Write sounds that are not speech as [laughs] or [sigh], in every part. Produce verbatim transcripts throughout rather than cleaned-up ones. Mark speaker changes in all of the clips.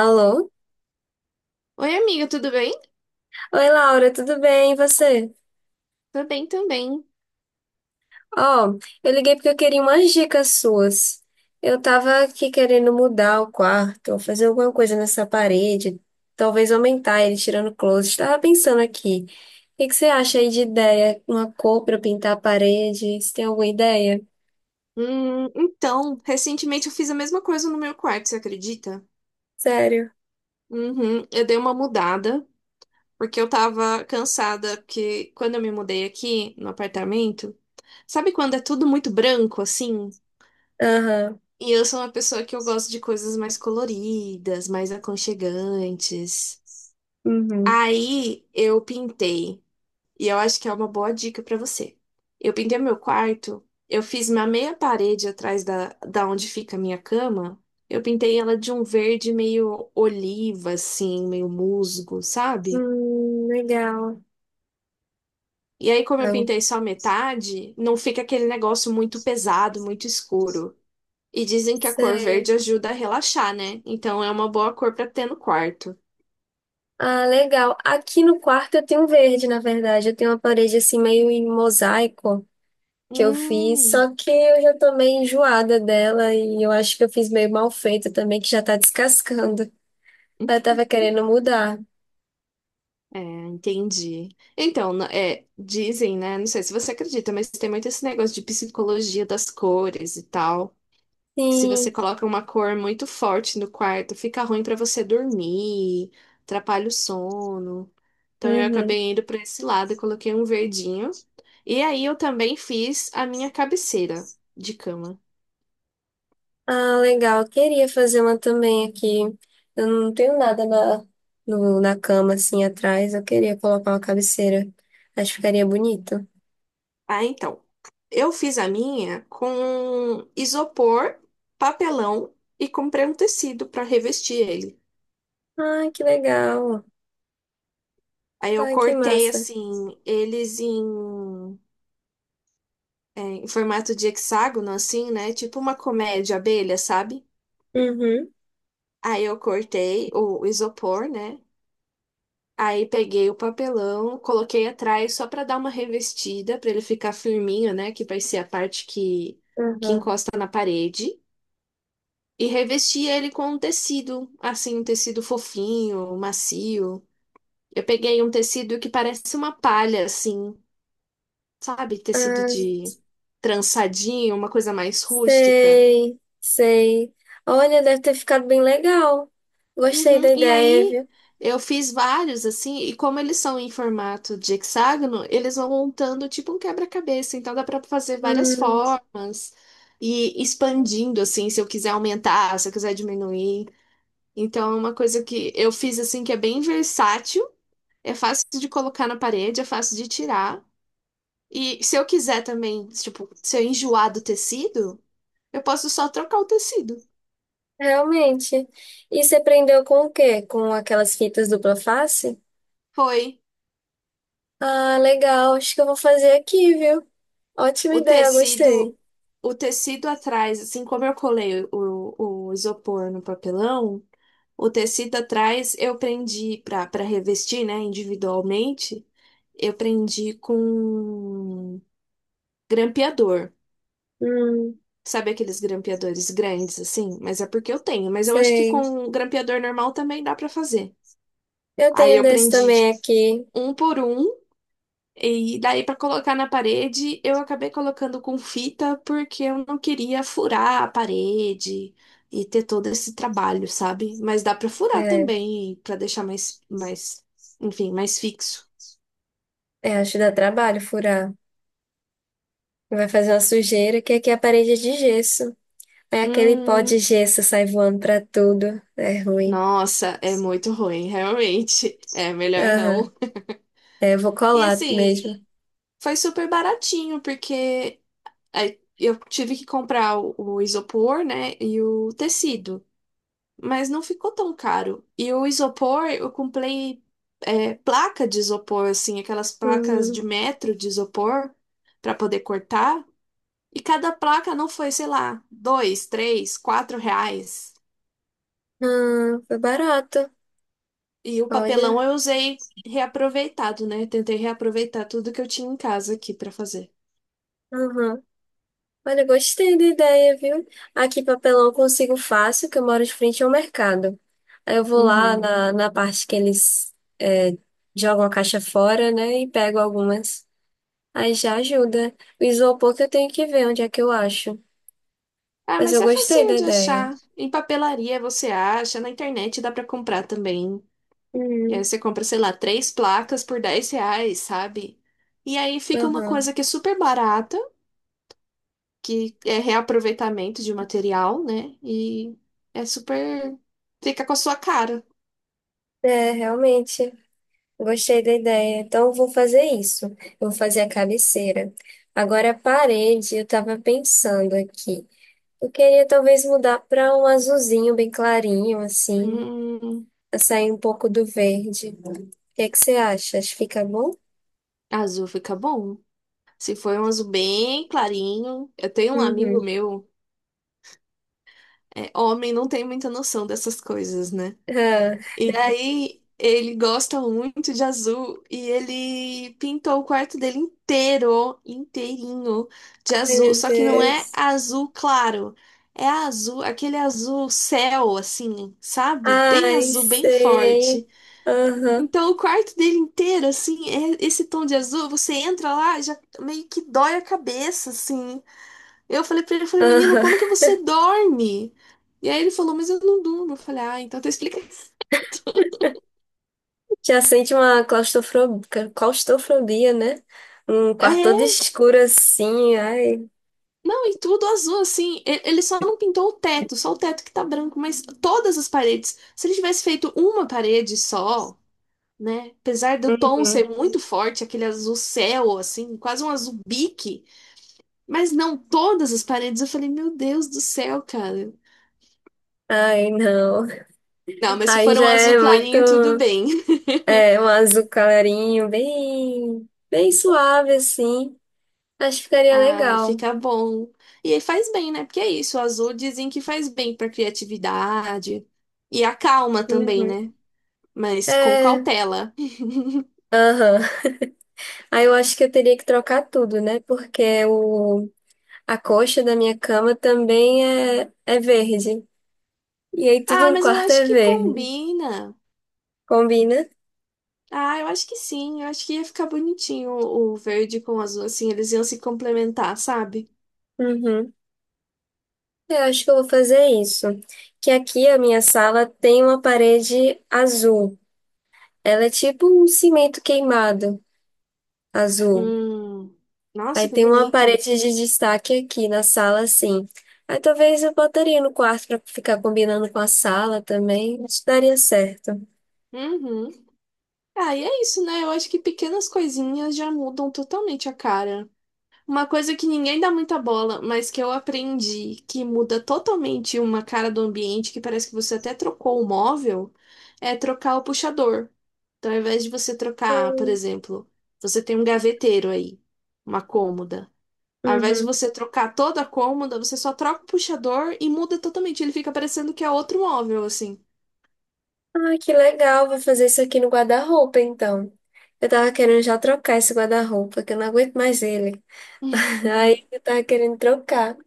Speaker 1: Alô?
Speaker 2: Oi, amiga, tudo bem?
Speaker 1: Oi, Laura, tudo bem? E você?
Speaker 2: Tô bem também.
Speaker 1: Ó, eu liguei porque eu queria umas dicas suas. Eu tava aqui querendo mudar o quarto, ou fazer alguma coisa nessa parede, talvez aumentar ele tirando closet. Tava pensando aqui. O que que você acha aí de ideia? Uma cor pra eu pintar a parede? Você tem alguma ideia?
Speaker 2: Hum, então, recentemente eu fiz a mesma coisa no meu quarto, você acredita?
Speaker 1: Sério?
Speaker 2: Uhum, eu dei uma mudada, porque eu tava cansada, porque quando eu me mudei aqui no apartamento, sabe quando é tudo muito branco assim?
Speaker 1: Aham.
Speaker 2: E eu sou uma pessoa que eu gosto de coisas mais coloridas, mais aconchegantes.
Speaker 1: Uhum.
Speaker 2: Aí eu pintei. E eu acho que é uma boa dica pra você. Eu pintei meu quarto, eu fiz uma meia parede atrás da, da onde fica a minha cama. Eu pintei ela de um verde meio oliva, assim, meio musgo, sabe?
Speaker 1: Hum, legal.
Speaker 2: E aí, como eu
Speaker 1: Ah,
Speaker 2: pintei só metade, não fica aquele negócio muito pesado, muito escuro. E dizem que a cor
Speaker 1: sei.
Speaker 2: verde ajuda a relaxar, né? Então é uma boa cor pra ter no quarto.
Speaker 1: Ah, legal. Aqui no quarto eu tenho verde, na verdade. Eu tenho uma parede assim meio em mosaico que eu fiz,
Speaker 2: Hum.
Speaker 1: só que eu já tô meio enjoada dela e eu acho que eu fiz meio mal feito também, que já tá descascando. Ela tava querendo mudar.
Speaker 2: É, entendi. Então, na- é, dizem, né? Não sei se você acredita, mas tem muito esse negócio de psicologia das cores e tal. Se
Speaker 1: Sim.
Speaker 2: você coloca uma cor muito forte no quarto, fica ruim pra você dormir, atrapalha o sono. Então, eu
Speaker 1: Uhum.
Speaker 2: acabei indo pra esse lado e coloquei um verdinho. E aí, eu também fiz a minha cabeceira de cama.
Speaker 1: Ah, legal. Eu queria fazer uma também aqui. Eu não tenho nada na, no, na cama assim atrás. Eu queria colocar uma cabeceira. Acho que ficaria bonito.
Speaker 2: Ah, então. Eu fiz a minha com isopor, papelão e comprei um tecido para revestir ele.
Speaker 1: Ai, que legal.
Speaker 2: Aí eu
Speaker 1: Ai, que
Speaker 2: cortei
Speaker 1: massa.
Speaker 2: assim, eles em, é, em formato de hexágono, assim, né? Tipo uma colmeia de abelha, sabe?
Speaker 1: Uhum.
Speaker 2: Aí eu cortei o isopor, né? Aí peguei o papelão, coloquei atrás só para dar uma revestida, para ele ficar firminho, né? Que vai ser a parte que, que
Speaker 1: Uhum.
Speaker 2: encosta na parede. E revesti ele com um tecido, assim, um tecido fofinho, macio. Eu peguei um tecido que parece uma palha, assim. Sabe? Tecido
Speaker 1: Ah,
Speaker 2: de trançadinho, uma coisa mais rústica.
Speaker 1: sei, sei. Olha, deve ter ficado bem legal. Gostei
Speaker 2: Uhum.
Speaker 1: da
Speaker 2: E
Speaker 1: ideia,
Speaker 2: aí
Speaker 1: viu?
Speaker 2: eu fiz vários assim, e como eles são em formato de hexágono, eles vão montando tipo um quebra-cabeça, então dá para fazer várias
Speaker 1: Hum,
Speaker 2: formas e expandindo assim, se eu quiser aumentar, se eu quiser diminuir. Então é uma coisa que eu fiz assim que é bem versátil, é fácil de colocar na parede, é fácil de tirar. E se eu quiser também, tipo, se eu enjoar do tecido, eu posso só trocar o tecido.
Speaker 1: realmente. E você prendeu com o quê? Com aquelas fitas dupla face?
Speaker 2: Foi
Speaker 1: Ah, legal. Acho que eu vou fazer aqui, viu? Ótima
Speaker 2: o
Speaker 1: ideia,
Speaker 2: tecido,
Speaker 1: gostei.
Speaker 2: o tecido atrás, assim como eu colei o, o isopor no papelão, o tecido atrás eu prendi para para revestir, né, individualmente, eu prendi com grampeador.
Speaker 1: Hum,
Speaker 2: Sabe aqueles grampeadores grandes assim? Mas é porque eu tenho, mas eu acho que
Speaker 1: sei.
Speaker 2: com grampeador normal também dá para fazer.
Speaker 1: Eu
Speaker 2: Aí
Speaker 1: tenho
Speaker 2: eu
Speaker 1: desse
Speaker 2: prendi
Speaker 1: também
Speaker 2: de
Speaker 1: aqui.
Speaker 2: um por um. E daí, para colocar na parede, eu acabei colocando com fita porque eu não queria furar a parede e ter todo esse trabalho, sabe? Mas dá para furar
Speaker 1: É,
Speaker 2: também, para deixar mais, mais, enfim, mais fixo.
Speaker 1: é, acho que dá trabalho furar. Vai fazer uma sujeira, que aqui é a parede é de gesso. É aquele pó de
Speaker 2: Hum,
Speaker 1: gesso sai voando pra tudo. É ruim.
Speaker 2: Nossa, é muito ruim, [laughs] realmente. É melhor
Speaker 1: Aham.
Speaker 2: não.
Speaker 1: É, eu vou
Speaker 2: E
Speaker 1: colar
Speaker 2: assim,
Speaker 1: mesmo.
Speaker 2: foi super baratinho porque aí eu tive que comprar o o isopor, né, e o tecido. Mas não ficou tão caro. E o isopor, eu comprei é, placa de isopor, assim, aquelas placas
Speaker 1: Hum,
Speaker 2: de metro de isopor para poder cortar. E cada placa não foi, sei lá, dois, três, quatro reais.
Speaker 1: ah, foi barato.
Speaker 2: E o
Speaker 1: Olha.
Speaker 2: papelão eu usei reaproveitado, né? Tentei reaproveitar tudo que eu tinha em casa aqui para fazer.
Speaker 1: Aham. Olha, gostei da ideia, viu? Aqui papelão eu consigo fácil, que eu moro de frente ao mercado. Aí eu vou lá
Speaker 2: Uhum.
Speaker 1: na, na parte que eles é, jogam a caixa fora, né? E pego algumas. Aí já ajuda. O isopor que eu tenho que ver onde é que eu acho.
Speaker 2: Ah,
Speaker 1: Mas
Speaker 2: mas
Speaker 1: eu
Speaker 2: é
Speaker 1: gostei da
Speaker 2: facinho de
Speaker 1: ideia.
Speaker 2: achar. Em papelaria você acha, na internet dá para comprar também. E aí
Speaker 1: Hum,
Speaker 2: você compra, sei lá, três placas por dez reais, sabe? E aí fica uma
Speaker 1: aham.
Speaker 2: coisa que é super barata, que é reaproveitamento de material, né? E é super. Fica com a sua cara.
Speaker 1: É, realmente. Gostei da ideia. Então, eu vou fazer isso. Eu vou fazer a cabeceira. Agora, a parede, eu estava pensando aqui. Eu queria talvez mudar para um azulzinho bem clarinho, assim,
Speaker 2: Hum,
Speaker 1: pra sair um pouco do verde. O que é que você acha? Acho que fica bom?
Speaker 2: Azul fica bom. Se for um azul bem clarinho. Eu tenho um
Speaker 1: Uhum.
Speaker 2: amigo meu, é homem, não tem muita noção dessas coisas, né?
Speaker 1: Ah,
Speaker 2: E aí ele gosta muito de azul e ele pintou o quarto dele inteiro, inteirinho de
Speaker 1: ai,
Speaker 2: azul.
Speaker 1: meu
Speaker 2: Só que não é
Speaker 1: Deus.
Speaker 2: azul claro, é azul, aquele azul céu, assim, sabe? Bem
Speaker 1: Ai,
Speaker 2: azul, bem
Speaker 1: sei.
Speaker 2: forte.
Speaker 1: Aham,
Speaker 2: Então o quarto dele inteiro, assim, é esse tom de azul. Você entra lá, já meio que dói a cabeça, assim. Eu falei pra ele, eu falei, menino, como que
Speaker 1: aham.
Speaker 2: você dorme? E aí ele falou, mas eu não durmo. Eu falei, ah, então tu explica.
Speaker 1: Já sente uma claustrofobia, claustrofobia, né? Um quarto todo escuro assim, ai.
Speaker 2: Não, e tudo azul, assim. E- Ele só não pintou o teto, só o teto que tá branco, mas todas as paredes. Se ele tivesse feito uma parede só, né? Apesar do tom
Speaker 1: Uhum.
Speaker 2: ser muito forte, aquele azul céu, assim, quase um azul bique. Mas não todas as paredes. Eu falei, meu Deus do céu, cara.
Speaker 1: Ai, não.
Speaker 2: Não, mas se
Speaker 1: Aí
Speaker 2: for
Speaker 1: já
Speaker 2: um azul
Speaker 1: é muito,
Speaker 2: clarinho, tudo bem.
Speaker 1: é, um azul clarinho, bem, bem suave, assim. Acho que
Speaker 2: [laughs]
Speaker 1: ficaria
Speaker 2: Ai,
Speaker 1: legal.
Speaker 2: fica bom. E aí faz bem, né? Porque é isso, o azul dizem que faz bem pra criatividade. E acalma também,
Speaker 1: Uhum.
Speaker 2: né? Mas com
Speaker 1: É,
Speaker 2: cautela.
Speaker 1: aham. Aí eu acho que eu teria que trocar tudo, né? Porque o, a coxa da minha cama também é, é verde. E aí
Speaker 2: Ah,
Speaker 1: tudo no
Speaker 2: mas eu
Speaker 1: quarto
Speaker 2: acho
Speaker 1: é
Speaker 2: que
Speaker 1: verde.
Speaker 2: combina.
Speaker 1: Combina?
Speaker 2: Ah, eu acho que sim. Eu acho que ia ficar bonitinho o o verde com o azul, assim, eles iam se complementar, sabe?
Speaker 1: Uhum. Eu acho que eu vou fazer isso. Que aqui a minha sala tem uma parede azul. Ela é tipo um cimento queimado azul.
Speaker 2: Hum.
Speaker 1: Aí
Speaker 2: Nossa, que
Speaker 1: tem uma
Speaker 2: bonito.
Speaker 1: parede de destaque aqui na sala, assim. Aí talvez eu botaria no quarto pra ficar combinando com a sala também. Acho que daria certo.
Speaker 2: Uhum. Ah, e é isso, né? Eu acho que pequenas coisinhas já mudam totalmente a cara. Uma coisa que ninguém dá muita bola, mas que eu aprendi que muda totalmente uma cara do ambiente, que parece que você até trocou o móvel, é trocar o puxador. Então, ao invés de você trocar, por exemplo, você tem um gaveteiro aí, uma cômoda. Ao invés de
Speaker 1: Uhum.
Speaker 2: você trocar toda a cômoda, você só troca o puxador e muda totalmente. Ele fica parecendo que é outro móvel, assim.
Speaker 1: Ah, que legal. Vou fazer isso aqui no guarda-roupa, então. Eu tava querendo já trocar esse guarda-roupa, que eu não aguento mais ele. [laughs] Aí
Speaker 2: [laughs]
Speaker 1: eu tava querendo trocar.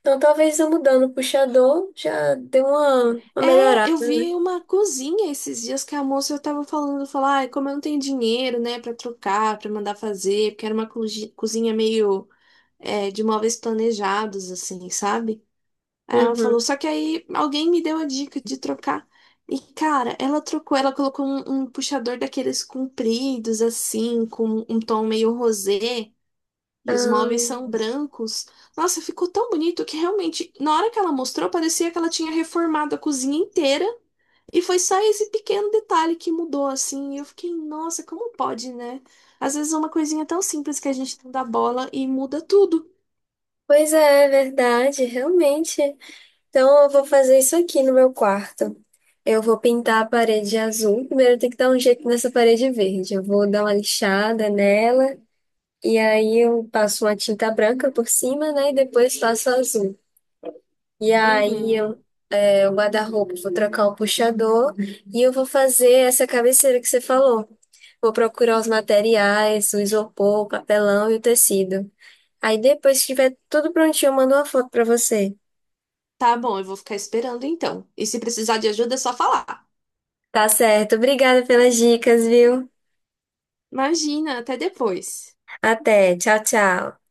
Speaker 1: Então talvez eu mudando o puxador já dê uma, uma
Speaker 2: É,
Speaker 1: melhorada,
Speaker 2: eu
Speaker 1: né?
Speaker 2: vi uma cozinha esses dias que a moça tava falando, falar, ai, como eu não tenho dinheiro, né, pra trocar, pra mandar fazer, porque era uma cozi- cozinha meio é, de móveis planejados, assim, sabe? Aí ela falou,
Speaker 1: Uhum.
Speaker 2: só que aí alguém me deu a dica de trocar. E, cara, ela trocou, ela colocou um, um puxador daqueles compridos, assim, com um tom meio rosé, e os
Speaker 1: Ah,
Speaker 2: móveis são brancos. Nossa, ficou tão bonito que realmente, na hora que ela mostrou, parecia que ela tinha reformado a cozinha inteira e foi só esse pequeno detalhe que mudou, assim. E eu fiquei, nossa, como pode, né? Às vezes é uma coisinha tão simples que a gente não dá bola e muda tudo.
Speaker 1: pois é, é verdade, realmente. Então, eu vou fazer isso aqui no meu quarto. Eu vou pintar a parede azul. Primeiro, eu tenho que dar um jeito nessa parede verde. Eu vou dar uma lixada nela, e aí eu passo uma tinta branca por cima, né? E depois faço azul. E aí,
Speaker 2: Uhum.
Speaker 1: eu, é, o guarda-roupa, vou trocar o puxador e eu vou fazer essa cabeceira que você falou. Vou procurar os materiais, o isopor, o papelão e o tecido. Aí, depois que tiver tudo prontinho, eu mando uma foto pra você.
Speaker 2: Tá bom, eu vou ficar esperando então. E se precisar de ajuda, é só falar.
Speaker 1: Tá certo. Obrigada pelas dicas, viu?
Speaker 2: Imagina, até depois.
Speaker 1: Até, tchau, tchau.